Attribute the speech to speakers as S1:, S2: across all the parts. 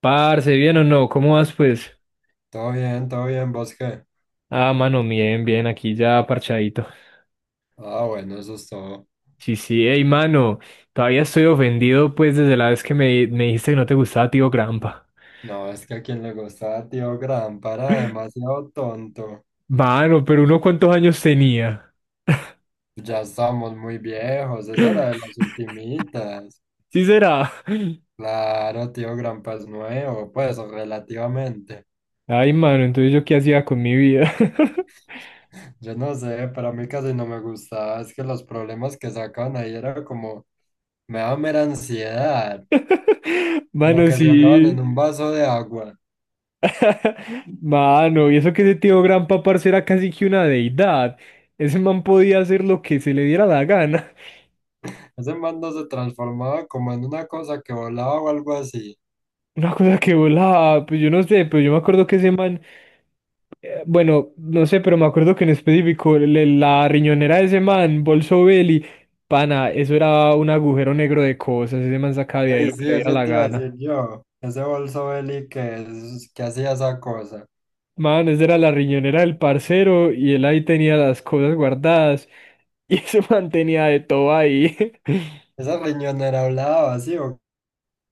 S1: Parce, ¿bien o no? ¿Cómo vas, pues?
S2: Todo bien, ¿vos qué?
S1: Ah, mano, bien, bien, aquí ya parchadito.
S2: Ah, bueno, eso es todo.
S1: Sí, sí, hey, mano, todavía estoy ofendido, pues, desde la vez que me dijiste que no te gustaba Tío Grampa.
S2: No, es que a quien le gustaba Tío Grampa era demasiado tonto.
S1: Mano, pero uno cuántos años tenía.
S2: Ya estamos muy viejos, esa era de las ultimitas.
S1: Sí será.
S2: Claro, Tío Grampa es nuevo, pues, o relativamente.
S1: Ay, mano, entonces yo qué hacía con mi vida.
S2: Yo no sé, pero a mí casi no me gustaba, es que los problemas que sacaban ahí era como, me daba mera ansiedad, como
S1: Mano,
S2: que se acaban en
S1: sí.
S2: un vaso de agua.
S1: Mano, y eso que ese Tío Grampa, parce, era casi que una deidad. Ese man podía hacer lo que se le diera la gana.
S2: Ese man no se transformaba como en una cosa que volaba o algo así.
S1: Una cosa que volaba, pues yo no sé, pero yo me acuerdo que ese man, bueno, no sé, pero me acuerdo que en específico la riñonera de ese man, Bolso Belli, pana, eso era un agujero negro de cosas, ese man sacaba de ahí
S2: Ey,
S1: lo que
S2: sí,
S1: le diera
S2: eso
S1: la
S2: te iba a
S1: gana.
S2: decir yo. Ese bolso Beli que, es- que hacía esa cosa.
S1: Man, esa era la riñonera del parcero y él ahí tenía las cosas guardadas y ese man tenía de todo ahí.
S2: Esa riñonera hablaba así. O-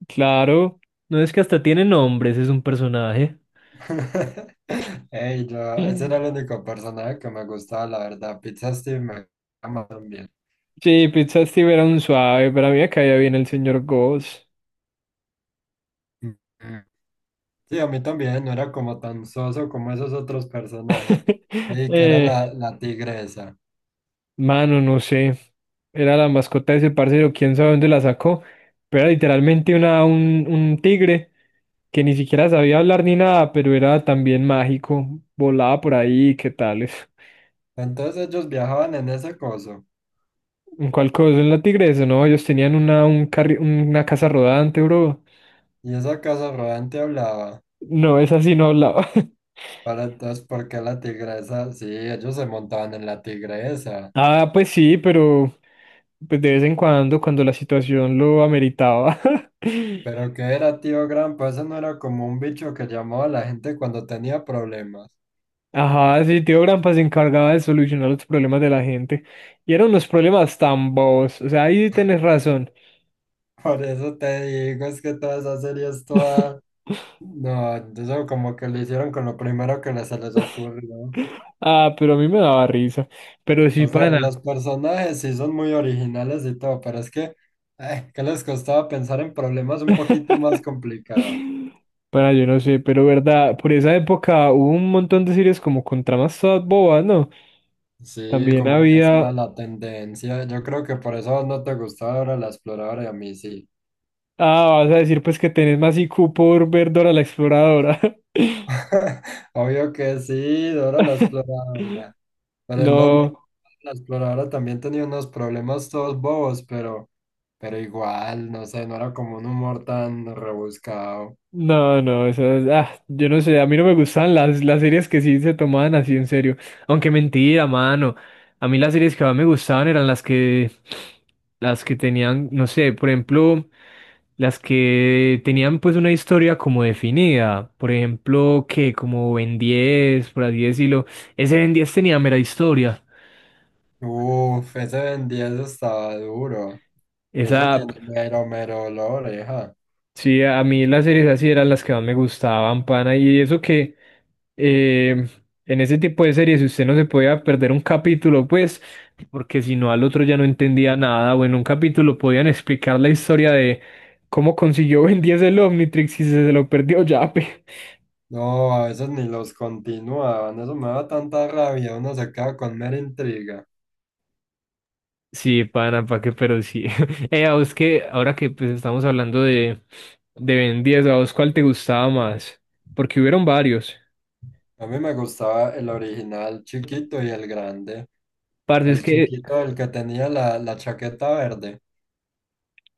S1: Claro, no es que hasta tiene nombres, es un personaje.
S2: ¿qué? Ey, yo, ese era el único personaje que me gustaba, la verdad. Pizza Steve me ama también.
S1: Sí, Pizza Steve era un suave, pero a mí me caía bien el señor Goss.
S2: Mm. Sí, a mí también, no era como tan soso como esos otros personajes. Ey, que era
S1: Eh,
S2: la tigresa.
S1: mano, no sé. Era la mascota de ese parcero, quién sabe dónde la sacó. Pero era literalmente un tigre que ni siquiera sabía hablar ni nada, pero era también mágico. Volaba por ahí, ¿qué tales?
S2: Entonces ellos viajaban en ese coso.
S1: ¿En cuál cosa? ¿En la tigresa? No, ellos tenían una casa rodante, bro.
S2: Y esa casa rodante hablaba.
S1: No, esa sí no hablaba.
S2: Para entonces, ¿por qué la tigresa? Sí, ellos se montaban en la tigresa.
S1: Ah, pues sí, pero pues de vez en cuando, cuando la situación lo ameritaba.
S2: Pero el que era tío Grampa, eso no era como un bicho que llamaba a la gente cuando tenía problemas.
S1: Ajá, sí, Tío Grampa se encargaba de solucionar los problemas de la gente. Y eran unos problemas tan bobos. O sea, ahí sí tenés razón.
S2: Por eso te digo, es que toda esa serie es toda... No, eso como que lo hicieron con lo primero que les- se les ocurrió.
S1: Ah, pero a mí me daba risa. Pero sí,
S2: O sea,
S1: pana.
S2: los personajes sí son muy originales y todo, pero es que, ¿qué les costaba pensar en problemas un poquito más complicados?
S1: Pana, yo no sé, pero verdad, por esa época hubo un montón de series como con tramas todas bobas, ¿no?
S2: Sí,
S1: También
S2: como que esa era
S1: había
S2: la tendencia. Yo creo que por eso no te gustaba ahora la exploradora y a mí sí.
S1: Ah, vas a decir pues que tenés más IQ por ver Dora la Exploradora.
S2: Obvio que sí, Dora la exploradora. Pero es lo mismo,
S1: No,
S2: la exploradora también tenía unos problemas todos bobos, pero igual, no sé, no era como un humor tan rebuscado.
S1: no, no, yo no sé, a mí no me gustan las series que sí se tomaban así en serio. Aunque mentira, mano. A mí las series que más me gustaban eran las que tenían, no sé, por ejemplo, las que tenían pues una historia como definida. Por ejemplo, que como Ben 10, por así decirlo. Ese Ben 10 tenía mera historia.
S2: Uf, ese Ben 10 estaba duro. Eso
S1: Esa.
S2: tiene mero, mero olor, oreja.
S1: Sí, a mí las series así eran las que más me gustaban, pana. Y eso que eh, en ese tipo de series si usted no se podía perder un capítulo, pues, porque si no al otro ya no entendía nada. O en un capítulo podían explicar la historia de cómo consiguió Ben 10 el Omnitrix y se lo perdió ya, pe.
S2: No, a veces ni los continuaban. Eso me da tanta rabia, uno se queda con mera intriga.
S1: Sí, pana, pa' qué, pero sí. A vos que, ahora que pues estamos hablando de Ben 10, ¿a vos cuál te gustaba más? Porque hubieron varios.
S2: A mí me gustaba el original chiquito y el grande.
S1: Parce, es
S2: El
S1: que
S2: chiquito, el que tenía la chaqueta verde.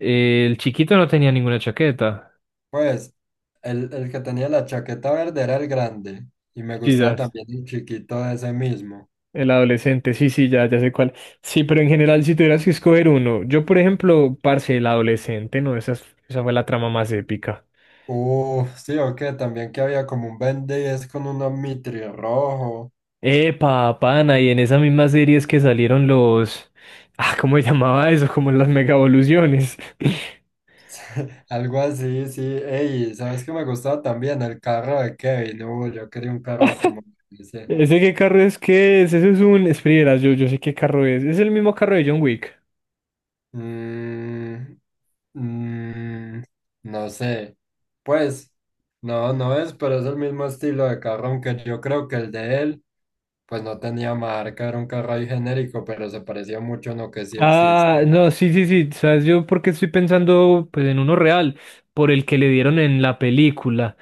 S1: El chiquito no tenía ninguna chaqueta.
S2: Pues el que tenía la chaqueta verde era el grande y me gustaba
S1: Quizás,
S2: también el chiquito de ese mismo.
S1: el adolescente, sí, sí, ya, ya sé cuál. Sí, pero en general, si tuvieras que escoger uno, yo, por ejemplo, parce, el adolescente, no, esa fue la trama más épica.
S2: Sí, o que también que había como un Ben 10 con un Omnitri rojo,
S1: Epa, pana, y en esas mismas series que salieron los. Ah, ¿cómo se llamaba eso? Como las megavoluciones.
S2: algo así, sí. Ey, ¿sabes qué me gustaba también? El carro de Kevin. Yo quería un carro como ese.
S1: ¿Ese qué carro es que es? Ese es un. Espera, yo sé qué carro es. Es el mismo carro de John Wick.
S2: Mm, mm, no sé. Pues, no, no es, pero es el mismo estilo de carro, aunque yo creo que el de él pues no tenía marca, era un carro ahí genérico, pero se parecía mucho a lo que sí
S1: Ah,
S2: existe.
S1: no, sí, sí, sí. ¿Sabes yo porque estoy pensando pues en uno real? Por el que le dieron en la película.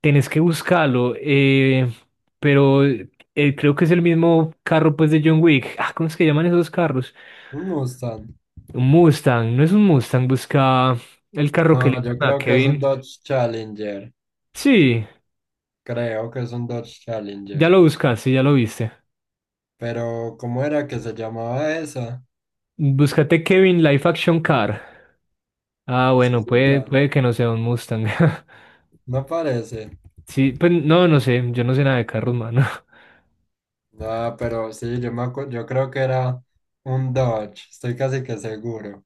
S1: Tenés que buscarlo. Pero creo que es el mismo carro pues de John Wick. Ah, ¿cómo es que llaman esos carros?
S2: Un Mustang.
S1: Un Mustang. No es un Mustang. Busca el carro
S2: No,
S1: que le
S2: yo
S1: dieron a
S2: creo que es un
S1: Kevin.
S2: Dodge Challenger.
S1: Sí,
S2: Creo que es un Dodge
S1: ya
S2: Challenger.
S1: lo buscaste, ya lo viste.
S2: Pero, ¿cómo era que se llamaba esa?
S1: Búscate Kevin Life Action Car. Ah,
S2: Sí,
S1: bueno, puede,
S2: otra.
S1: puede que no sea un Mustang.
S2: No parece.
S1: Sí, pues no sé. Yo no sé nada de carros, mano.
S2: Ah, pero sí, yo me acu- yo creo que era un Dodge, estoy casi que seguro.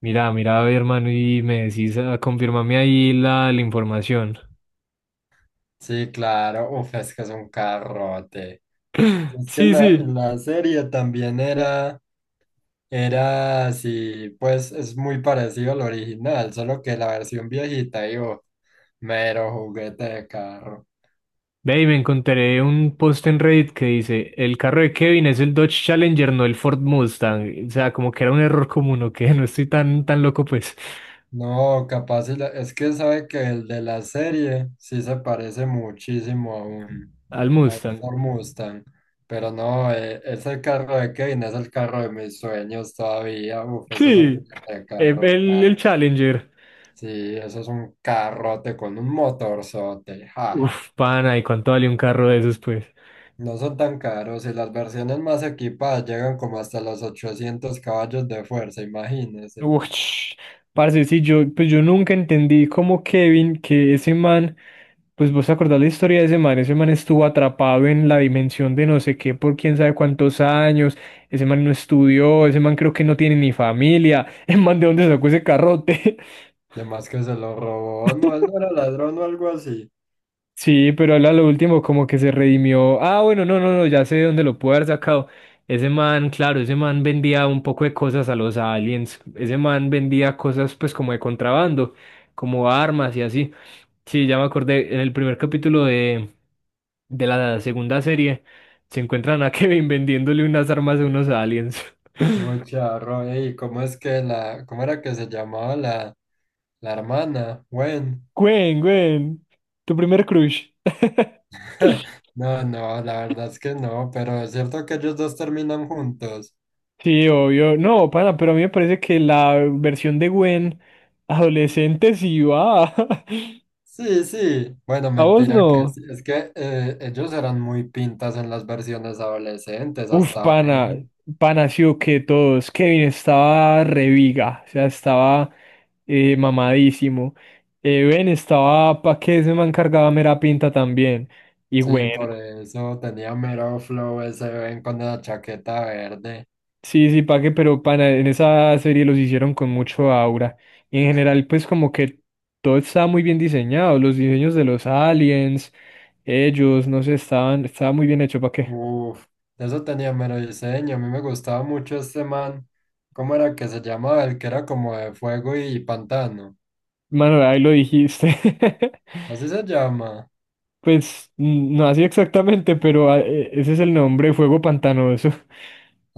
S1: Mira, mira, a ver, hermano, y me decís, confírmame ahí la información.
S2: Sí, claro, uf, es que es un carrote. Es que en
S1: Sí,
S2: la,
S1: sí.
S2: en la serie también era. Era así, pues es muy parecido al original, solo que la versión viejita, digo, mero juguete de carro.
S1: Ve, y me encontré un post en Reddit que dice, el carro de Kevin es el Dodge Challenger, no el Ford Mustang. O sea, como que era un error común, o que no estoy tan, tan loco, pues,
S2: No, capaz, y la- es que sabe que el de la serie sí se parece muchísimo
S1: al
S2: a un
S1: Mustang.
S2: Ford Mustang, pero no, ese carro de Kevin es el carro de mis sueños todavía, uf, eso es un
S1: Sí,
S2: juguete de carro,
S1: el
S2: claro.
S1: Challenger.
S2: Sí, eso es un carrote con un motorzote, ja.
S1: Uf, pana, ¿y cuánto vale un carro de esos, pues?
S2: No son tan caros y las versiones más equipadas llegan como hasta los 800 caballos de fuerza, imagínese.
S1: Uy, parce, sí, yo, pues yo nunca entendí cómo Kevin, que ese man, pues vos te acordás la historia de ese man estuvo atrapado en la dimensión de no sé qué por quién sabe cuántos años, ese man no estudió, ese man creo que no tiene ni familia, el man de dónde sacó ese carrote.
S2: Además que se lo robó, no, él no era ladrón o algo así.
S1: Sí, pero él a lo último como que se redimió. Ah, bueno, no, no, no, ya sé de dónde lo puede haber sacado. Ese man, claro, ese man vendía un poco de cosas a los aliens. Ese man vendía cosas pues como de contrabando, como armas y así. Sí, ya me acordé, en el primer capítulo de la segunda serie se encuentran a Kevin vendiéndole unas armas a unos aliens.
S2: Muy charro, ey, ¿cómo es que la, cómo era que se llamaba la, la hermana? Gwen.
S1: Gwen, Gwen, tu primer crush.
S2: No, no, la verdad es que no, pero es cierto que ellos dos terminan juntos.
S1: Sí, obvio. No, pana, pero a mí me parece que la versión de Gwen adolescente sí va.
S2: Sí, sí. Bueno,
S1: A vos
S2: mentira que
S1: no.
S2: sí. Es que ellos eran muy pintas en las versiones adolescentes,
S1: Uf,
S2: hasta
S1: pana,
S2: hoy.
S1: pana, sí o que todos. Kevin estaba reviga, o sea, estaba mamadísimo. Ben estaba pa' que se me encargaba mera pinta también. Y
S2: Sí,
S1: Gwen,
S2: por eso tenía mero flow ese Ben con la chaqueta verde.
S1: sí, sí, pa' que, pero pana, en esa serie los hicieron con mucho aura. Y en general, pues como que todo estaba muy bien diseñado, los diseños de los aliens. Ellos, no sé, estaba muy bien hecho, ¿para qué?
S2: Uf, eso tenía mero diseño. A mí me gustaba mucho este man. ¿Cómo era que se llamaba? El que era como de fuego y pantano.
S1: Mano, ahí lo dijiste.
S2: Así se llama.
S1: Pues no así exactamente, pero ese es el nombre, fuego pantanoso.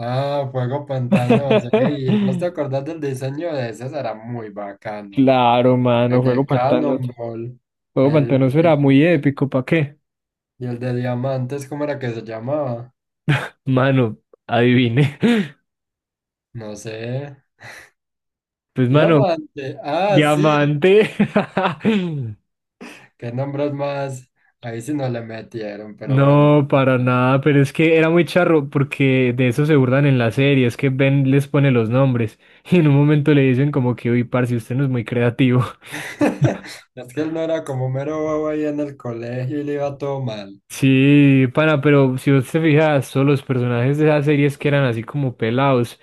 S2: Ah, fuego pantano. Sí, ¿no te acordás del diseño de ese? Ese era muy bacano.
S1: Claro, mano,
S2: El
S1: fuego
S2: de
S1: pantanoso.
S2: Cannonball.
S1: Fuego
S2: El
S1: pantanoso era
S2: de-
S1: muy épico, ¿para qué?
S2: y el de diamantes, ¿cómo era que se llamaba?
S1: Mano, adivine.
S2: No sé.
S1: Pues, mano,
S2: Diamante. Ah, sí.
S1: diamante.
S2: ¿Qué nombres más? Ahí sí no le metieron, pero bueno.
S1: No, para nada, pero es que era muy charro porque de eso se burlan en la serie, es que Ben les pone los nombres y en un momento le dicen como que, uy, parce, usted no es muy creativo.
S2: Es que él no era como mero bobo ahí en el colegio y le iba todo mal.
S1: Sí, pana, pero si usted se fija, todos los personajes de esas series que eran así como pelados,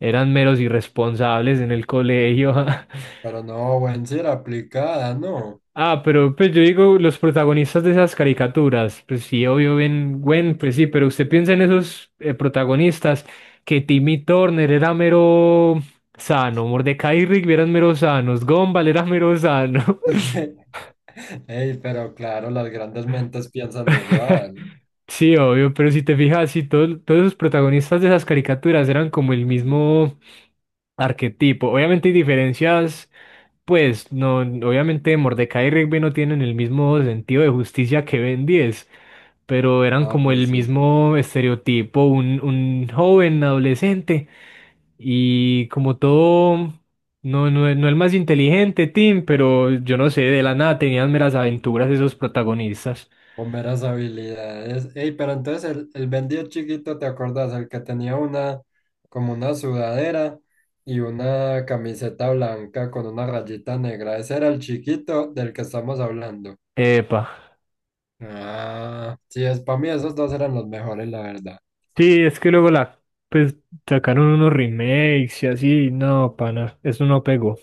S1: eran meros irresponsables en el colegio.
S2: Pero no, buen sí era aplicada, ¿no?
S1: Ah, pero pues yo digo, los protagonistas de esas caricaturas, pues sí, obvio, Ben Gwen, pues sí, pero usted piensa en esos protagonistas, que Timmy Turner era mero sano, Mordecai y Rigby eran mero sanos, Gumball era mero sano.
S2: Sí. Ey, pero claro, las grandes mentes piensan igual.
S1: Sí, obvio, pero si te fijas, sí, todos los protagonistas de esas caricaturas eran como el mismo arquetipo. Obviamente hay diferencias, pues, no, obviamente Mordecai y Rigby no tienen el mismo sentido de justicia que Ben 10, pero eran
S2: Ah,
S1: como el
S2: pues sí.
S1: mismo estereotipo, un joven adolescente y como todo, no, no, no el más inteligente, Tim, pero yo no sé, de la nada tenían meras aventuras esos protagonistas.
S2: Con veras habilidades. Ey, pero entonces el vendido chiquito, ¿te acordás? El que tenía una, como una sudadera y una camiseta blanca con una rayita negra. Ese era el chiquito del que estamos hablando.
S1: Epa.
S2: Ah, sí, es para mí esos dos eran los mejores, la verdad.
S1: Sí, es que luego pues sacaron unos remakes y así, no, pana, eso no pegó.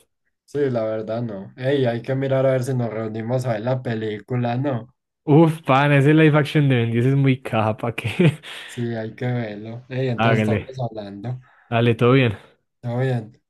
S2: Sí, la verdad no. Ey, hay que mirar a ver si nos reunimos a ver la película, ¿no?
S1: Uf, pana, ese live action de Bendy es muy capa, que
S2: Sí, hay que verlo. Ey, entonces estamos
S1: hágale,
S2: hablando.
S1: dale, todo bien.
S2: Todo bien.